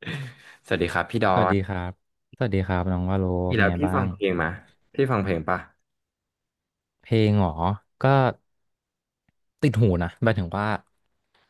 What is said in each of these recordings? สวัสดีครับพี่ดอสวัสดีคนรับสวัสดีครับน้องวาโลพี่เป็นแล้วไงพี่บ้าฟังงเพลงไหมาพี่ฟังเพลงปะเพลงเหรอก็ติดหูนะหมายถึงว่า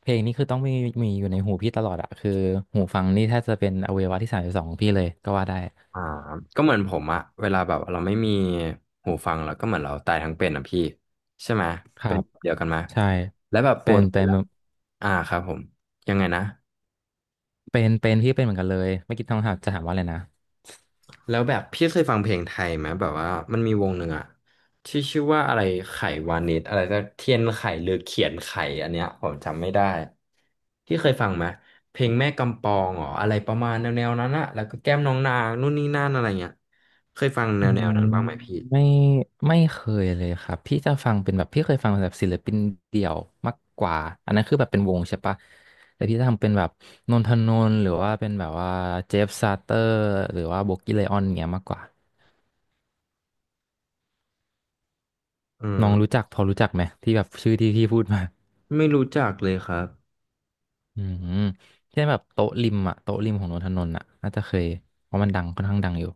เพลงนี้คือต้องมีมีอยู่ในหูพี่ตลอดอะคือหูฟังนี่แทบจะเป็นอวัยวะที่32ของพี่เลยก็ว่าได้อ่าก็เหมือนผมอะเวลาแบบเราไม่มีหูฟังเราก็เหมือนเราตายทั้งเป็นอะพี่ ใช่ไหมครัเป็นบเดียวกันไหมใช่แล้วแบบปเป็กนติเป็นละอ่าครับผม ยังไงนะ เป็นพี่เป็นเหมือนกันเลยไม่คิดต้องถามจะถามว่าอะไรนะ แล้วแบบพี่เคยฟังเพลงไทยไหมแบบว่ามันมีวงหนึ่งอะที่ชื่อว่าอะไรไขวานิชอะไรสักเทียนไขหรือเขียนไขอันเนี้ยผมจำไม่ได้ที่เคยฟังไหมเพลงแม่กำปองเหรออะไรประมาณแนวๆนั้นอะแล้วก็แก้มน้องนางนู่นนี่นั่นอะไรเงี้ยเคยฟังอืแนวๆมนั้นบ้างไหมพี่ไม่ไม่เคยเลยครับพี่จะฟังเป็นแบบพี่เคยฟังแบบศิลปินเดี่ยวมากกว่าอันนั้นคือแบบเป็นวงใช่ปะแต่พี่จะทำเป็นแบบนนทนนท์หรือว่าเป็นแบบว่าเจฟซาเตอร์หรือว่าโบกี้ไลออนเงี้ยมากกว่าอืมน้องรู้จักพอรู้จักไหมที่แบบชื่อที่พี่พูดมาไม่รู้จักเลยครับอืมเช่นแบบโต๊ะริมอะโต๊ะริมของนนทนนท์อะน่าจะเคยเพราะมันดังค่อนข้างดังอยู่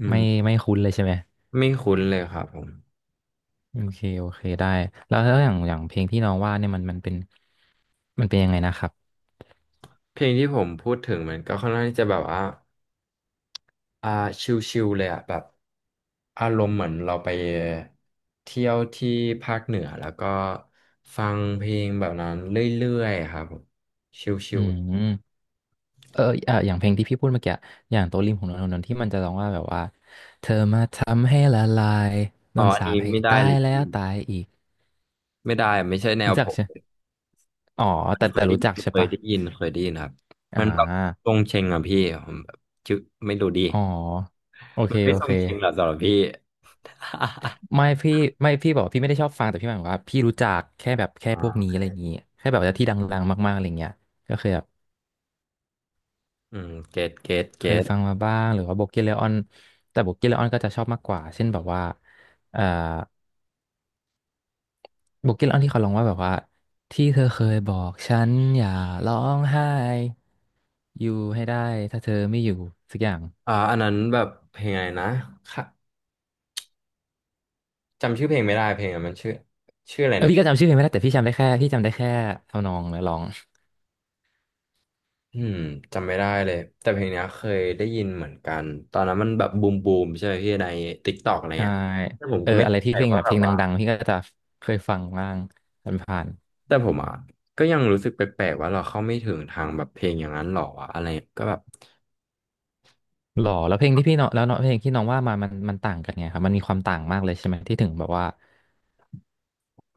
อืมไม่ไม่คุ้นเลยใช่ไหมไม่คุ้นเลยครับผมโอเคโอเคได้แล้วอย่างเพลงที่น้องว่าเนี่ยมันเป็นมันเป็นยังไงนะครับ เพลงที่ผมพูดถึงมันก็ค่อนข้างที่จะแบบว่า อ่าชิลๆเลยอ่ะแบบอารมณ์เหมือนเราไปเที่ยวที่ภาคเหนือแล้วก็ฟังเพลงแบบนั้นเรื่อยๆครับผมชิอืลมเอออ่ะอย่างเพลงที่พี่พูดเมื่อกี้อย่างโตะริมของนนทนนท์ที่มันจะร้องว่าแบบว่าเธอมาทำให้ละลายๆโดอ๋อนอันสานี้ปให้ไม่ได้ตาเลยยแล้พี่วตายอีกไม่ได้ไม่ใช่แนวรู้จัผกมใช่อ๋อแต่เคยได้รู้ยิจักนใช่ปะครับอ่มันแบบทารงเชงอ่ะพี่ผมแบบชอไม่รู้ดีอ๋อโอมัเคนไม่โอทรเคงเชงหรอกสำหรับพี่ ไม่พี่ไม่พี่บอกว่าพี่ไม่ได้ชอบฟังแต่พี่หมายถึงว่าพี่รู้จักแค่แบบแค่อ๋พวกนี้ออะไรอย่างงี้แค่แบบว่าที่ดังๆมากๆอะไรเงี้ยก็เคยแบบอืมเกตเคยฟังมาบ้างหรือว่าโบเกเลออนแต่โบเกเลออนก็จะชอบมากกว่าเช่นแบบว่าเอ่อ โบุกี้เล่าที่เขาลงว่าแบบว่าที่เธอเคยบอกฉันอย่าร้องไห้อยู่ให้ได้ถ้าเธอไม่อยู่สักอย่างอ่าอันนั้นแบบเพลงไงนะ จำชื่อเพลงไม่ได้เพลงอะมันชื่อชื่ออะไรเออนะพี่ก็พี่จำชื่อเพลงไม่ได้แต่พี่จำได้แค่ทำนองและร้องอืมจำไม่ได้เลยแต่เพลงเนี้ยเคยได้ยินเหมือนกันตอนนั้นมันแบบบูมบูมใช่ไหมพี่ในติ๊กตอกอะไรใช่เงี้ยแต่ผมเอก็อไม่อะไรเข้าที่ใจเพลงว่าแบบแบเพลบงว่าดังๆพี่ก็จะเคยฟังบ้างผ่านแต่ผมอ่ะก็ยังรู้สึกแปลกๆว่าเราเข้าไม่ถึงทางแบบเพลงอย่างนั้นหรอวะอะไรก็แบบๆหรอแล้วเพลงที่พี่เนาะแล้วเนาะเพลงที่น้องว่ามามันต่างกันไงครับมันมีความต่างมากเลยใช่ไหมที่ถึงแบบว่า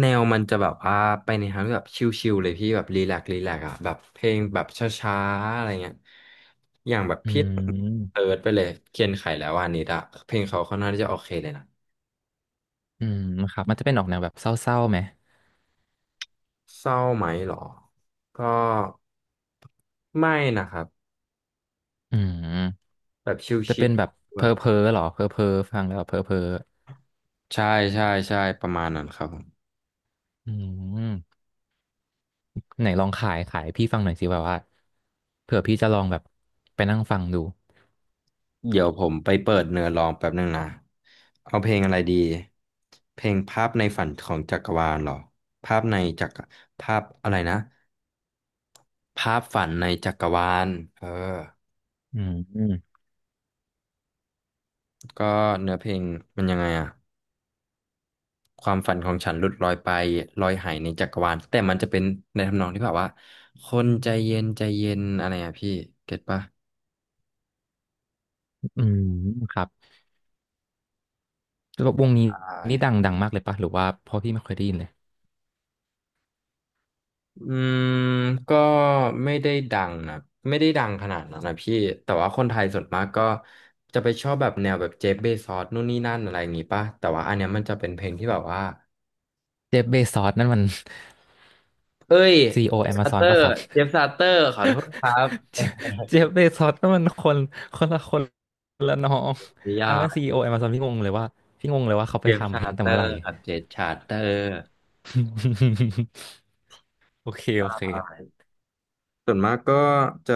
แนวมันจะแบบว่าไปในทางที่แบบชิลๆเลยพี่แบบรีแลกซ์อ่ะแบบเพลงแบบช้าๆอะไรเงี้ยอย่างแบบอืพี่เติมร์ดไปเลยเคียนไขแล้ววานิดอะเพลงเขาค่อนข้างที่จะโอเคเลยนะ อืมครับมันจะเป็นออกแนวแบบเศร้าๆไหมเศร้าไหมเหรอ ก็ไม่นะครับอืมแบบจะชิเป็ลนแบบๆแบเพบ้อๆหรอเพ้อๆฟังแล้วแบบเพ้อเพ้อ ใช่ใช่ใช่ประมาณนั้นครับผมอืมไหนลองขายพี่ฟังหน่อยสิแบบว่าเผื่อพี่จะลองแบบไปนั่งฟังดูเดี๋ยวผมไปเปิดเนื้อร้องแป๊บนึงนะเอาเพลงอะไรดีเพลงภาพในฝันของจักรวาลเหรอภาพในจักรภาพอะไรนะภาพฝันในจักรวาลเอออืมอืมก็เนื้อเพลงมันยังไงอะ ความฝันของฉันหลุดลอยไปลอยหายในจักรวาลแต่มันจะเป็นในทำนองที่แบบว่าคนใจเย็นอะไรอ่ะพี่เก็ตปะอืมครับแล้ววงนี้ใชดัง่ดังมากเลยปะหรือว่าเพราะพี่ไม่เคยได้ยินเลยอืมก็ไม่ได้ดังนะไม่ได้ดังขนาดนั้นนะพี่แต่ว่าคนไทยส่วนมากก็จะไปชอบแบบแนวแบบเจฟเบซอสนู่นนี่นั่นอะไรอย่างงี้ปะแต่ว่าอันเนี้ยมันจะเป็นเพลงที่แบบว่าเจฟเบซอสนั่นมัน เอ้ย CEO ซาเต Amazon อปะร์ครับเจฟซาเตอร์ขอโทษครับเจฟเจฟเบซอส นั่นมันคนละคนละน้องออัย่านนั้น ก CEO Amazon พี่งงเลยว่าเขาเจไปฟทำเพซาลงตั้งแต่เตอเมื่อไหร่ ร์ครับเจฟซาเตอร์ โอเคโอเคส่วนมากก็จะ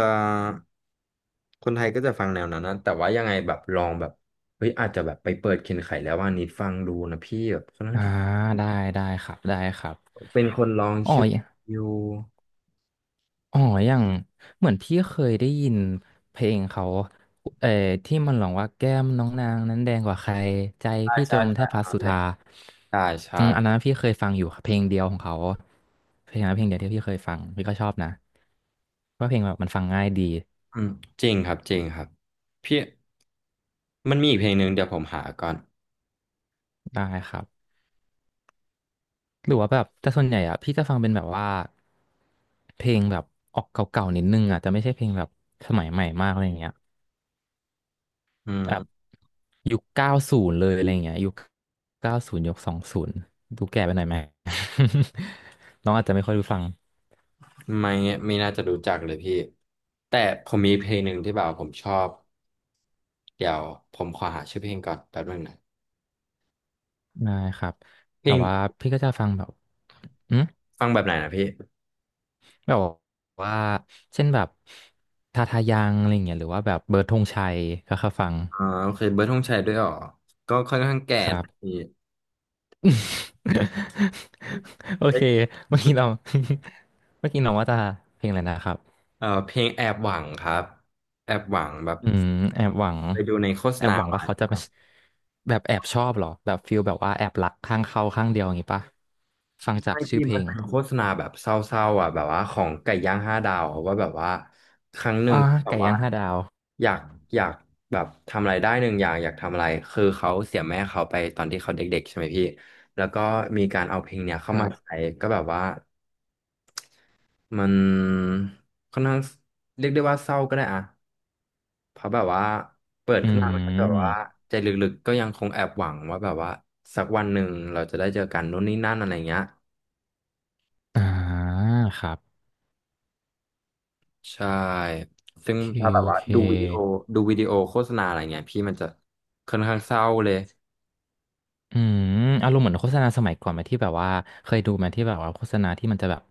คนไทยก็จะฟังแนวนั้นนะแต่ว่ายังไงแบบลองแบบเฮ้ยอาจจะแบบไปเปิดเคนไขแล้วว่านิดฟังดูนะพี่แบบคอนข้างอ่าที่ได้ได้ครับได้ครับเป็นคนลองอ๋อ ชื่ออยู่อ๋ออย่างเหมือนพี่เคยได้ยินเพลงเขาเอ่อที่มันร้องว่าแก้มน้องนางนั้นแดงกว่าใครใจใช่พี่จใช่มแทใช่บอัพันสนั้นสุเลยธาใช่ใช่อืมอันนั้นพี่เคยฟังอยู่ค่ะเพลงเดียวของเขาเพลงนั้นเพลงเดียวที่พี่เคยฟังพี่ก็ชอบนะว่าเพลงแบบมันฟังง่ายดีอืมจริงครับพี่มันมีอีกเพลงหนึ่งเดี๋ยวผมหาก่อนได้ครับหรือว่าแบบแต่ส่วนใหญ่อะพี่จะฟังเป็นแบบว่าเพลงแบบออกเก่าๆนิดนึงอะจะไม่ใช่เพลงแบบสมัยใหม่มากอะไรอย่างเงี้ย อืแบบมยุค90เลยอะไรเงี้ยยุค20ดูแก่ไปหน่อยไหม น้องอาจจะไม่ค่อยรู้ฟังไม่ไม่น่าจะรู้จักเลยพี่แต่ผมมีเพลงหนึ่งที่แบบผมชอบเดี๋ยวผมขอหาชื่อเพลงก่อนแป๊บนึงนะได้ครับเพลแต่งว่าพี่ก็จะฟังแบบอืมฟังแบบไหนนะพี่ แบบว่าเช่นแบบทาทายังอะไรเงี้ยหรือว่าแบบเบิร์ดธงชัยก็เคยฟังโอเคเบิร์ดธงชัยด้วยเหรอก็ค่อนข้างแก่ครับ นะพี่ โอเอ้เคย เมื่อ กี้เรา เมื่อกี้น้องว่าจะเพลงอะไรนะครับ เพลงแอบหวังครับแอบหวังแบบอืมแอบหวังไปดูในโฆษแอบณาหวังมาว่าเขาใช่ไหจะมคมารับแบบแอบชอบเหรอแบบฟิลแบบว่าแอบรักข้างเขาข้างเดียวอย่างงี้ปะฟังไอจากชื่อที่เพลมันงเป็นโฆษณาแบบเศร้าๆอ่ะแบบว่าของไก่ย่างห้าดาวอะว่าแบบว่าครั้งหนึ่งอ่าแบบไก่ว่าย่างห้าดาวอยากอยากแบบทำอะไรได้หนึ่งอย่างอยากทำอะไรคือเขาเสียแม่เขาไปตอนที่เขาเด็กๆใช่ไหมพี่แล้วก็มีการเอาเพลงเนี้ยคเข้ารัมาใช้บก็แบบว่า มันค่อนข้างเรียกได้ว่าเศร้าก็ได้อะเพราะแบบว่าเปิดอืขึ้นมามันก็จะแบบว่ามใจลึกๆก็ยังคงแอบหวังว่าแบบว่าสักวันหนึ่งเราจะได้เจอกันนู่นนี่นั่นอะไรเงี้ยอ่าครับใช่โอซึ่งเคถ้าแบโอบว่าเคดูวิดีโอดูวิดีโอโฆษณาอะไรเงี้ยพี่มันจะค่อนข้างเศร้าเลยอืมอารมณ์เหมือนโฆษณาสมัยก่อนไหมที่แบบว่าเคยดูไหมที่แบบว่าโฆษณาที่มันจะแบบ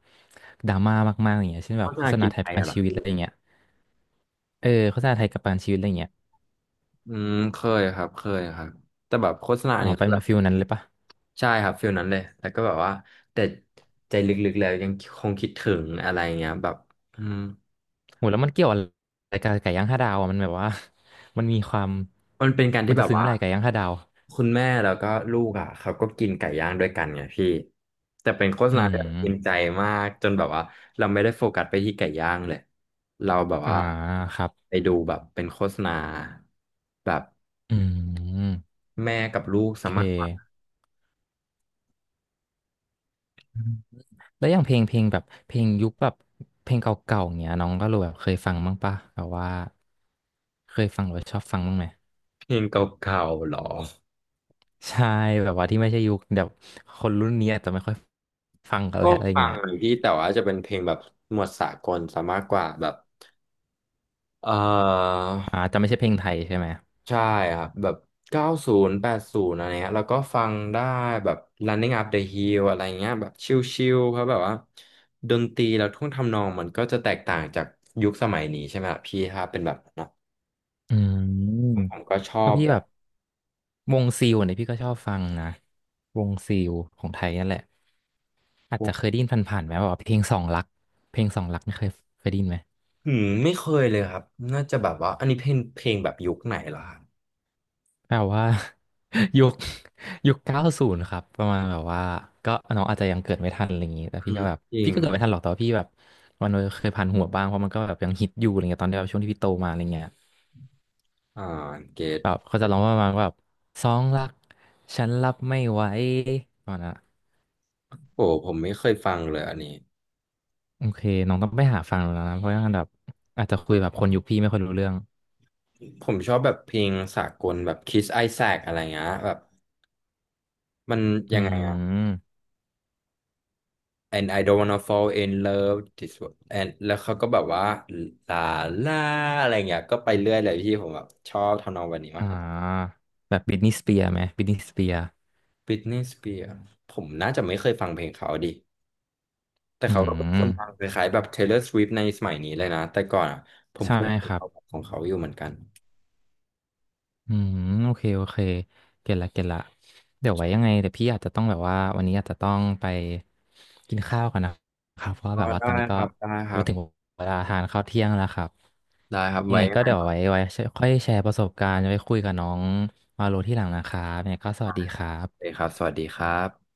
ดราม่ามากๆอย่างเงี้ยเช่นโฆแบบษโฆณาษณากินไทยใจประกันอะเหรอชีวิตพี่อะไรเงี้ยเออโฆษณาไทยประกันชีวิตอะไรเงี้ยอืมเคยครับแต่แบบโฆษณาอ๋อเนี่ย เป็นฟิลนั้นเลยปะ ใช่ครับฟิลนั้นเลยแล้วก็แบบว่าแต่ใจลึกๆแล้วยังคงคิดถึงอะไรเงี้ยแบบอืมโหแล้วมันเกี่ยวอะไรกับไก่ย่างห้าดาวอ่ะมันแบบว่า มันมีความมันเป็นการมัที่นแบจะบซึ้งว่าอะไรไก่ย่างห้าดาวคุณแม่แล้วก็ลูกอ่ะเขาก็กินไก่ย่างด้วยกันไงพี่แต่เป็นโฆษอืณาที่แบบกิมนใจมากจนแบบว่าเราไม่ได้โฟกัสไปที่ไก่ย่างเลยเราแบบอ่าว่าครับไปดูแบบเป็นโฆษณาแบบอืมแม่กับลูกโอสาเคมารถฟังอืมแล้วอย่างเพลงเพลงแบบเพลงยุคแบบเพลงเก่าๆอย่างเงี้ยน้องก็รู้แบบเคยฟังบ้างปะแบบว่าเคยฟังหรือว่าชอบฟังบ้างไหม เพลงเก่าๆหรอ ใช่แบบว่าที่ไม่ใช่ยุคแบบคนรุ่นนี้อาจจะไม่ค่อยฟังกันก็แล้วอะไรฟัเงี้งยพี่แต่ว่าจะเป็นเพลงแบบหมวดสากลซะมากกว่าแบบ เอ่ออ่าจะไม่ใช่เพลงไทยใช่ไหมใช่ครับแบบเก้าศูนย์แปดศูนย์อะไรเงี้ยแล้วก็ฟังได้แบบ Running Up the Hill อะไรเงี้ยแบบชิลๆเพราะแบบว่าดนตรีแล้วท่วงทำนองมันก็จะแตกต่างจากยุคสมัยนี้ใช่ไหมครับพี่ถ้าเป็นแบบนั้นนะอืม ผมก็ชเพอราะบพี่แบแบบบวงซิลเนี่ยพี่ก็ชอบฟังนะวงซิลของไทยนั่นแหละอาจจะเคยได้ยินผ่านๆไหมว่าเพลงสองรักเพลงสองรักนี่เคยได้ยินไหมอืมไม่เคยเลยครับน่าจะแบบว่าอันนี้เพลงเพลงแบบยุคไหนเหรอครับแปลว่า ยุค90ครับประมาณแบบว่าก็น้องอาจจะยังเกิดไม่ทันอะไรอย่างนี้แต่อืพี่ก็มแบบจริพี่งก็เกิคดรับไม่ทันหรอกแต่ว่าพี่แบบวันนี้เคยผ่านหัวบ้างเพราะมันก็แบบยังฮิตอยู่อะไรเงี้ยตอนที่แบบช่วงที่พี่โตมาอะไรเงี้ยอ่าเกตแบบเขาจะร้องว่าประมาณว่าแบบสองรักฉันรับไม่ไหวประมาณนั้น โอ้ผมไม่เคยฟังเลยอันนี้โอเคน้องต้องไปหาฟังดูแล้วนะ เพราะว่าแบบอาจจะคุยแบบคนยุคพี่ไม่ค่อยรู้เรื่องผมชอบแบบเพลงสากลแบบ Kiss Isaac อะไรเงี้ยแบบมันอืยังไงอะ ม and I don't wanna fall in love this one and แล้วเขาก็แบบว่าลาลาอะไรเงี้ยก็ไปเรื่อยเลยพี่ผมแบบชอบทำนองวันนี้มากอ่กว่า าแบบบิทนีย์สเปียร์ไหมบิทนีย์สเปียร์ Britney Spears ผมน่าจะไม่เคยฟังเพลงเขาดิแต่อืเขาก็เป็นคนดังมคล้ายๆแบบ Taylor Swift ในสมัยนี้เลยนะแต่ก่อนอะผมใช่เคยฟัคงรับขาของเขาอยู่เหมือนกันอืมโอเคโอเคเก็ตละเก็ตละเดี๋ยวไว้ยังไงเดี๋ยวพี่อาจจะต้องแบบว่าวันนี้อาจจะต้องไปกินข้าวกันนะครับเพราะว่าอ๋อแบบว่าได้ตอนนี้คก็รับได้ครัไปถึงบเวลาทานข้าวเที่ยงแล้วครับได้ครับยังไว้ไงยังก็ไงเดี๋ยวปรัไว้บค่อยแชร์ประสบการณ์ไว้คุยกับน้องมาโลที่หลังนะครับยังไงก็สวัสดีครัเลยบครับสวัสดีครับ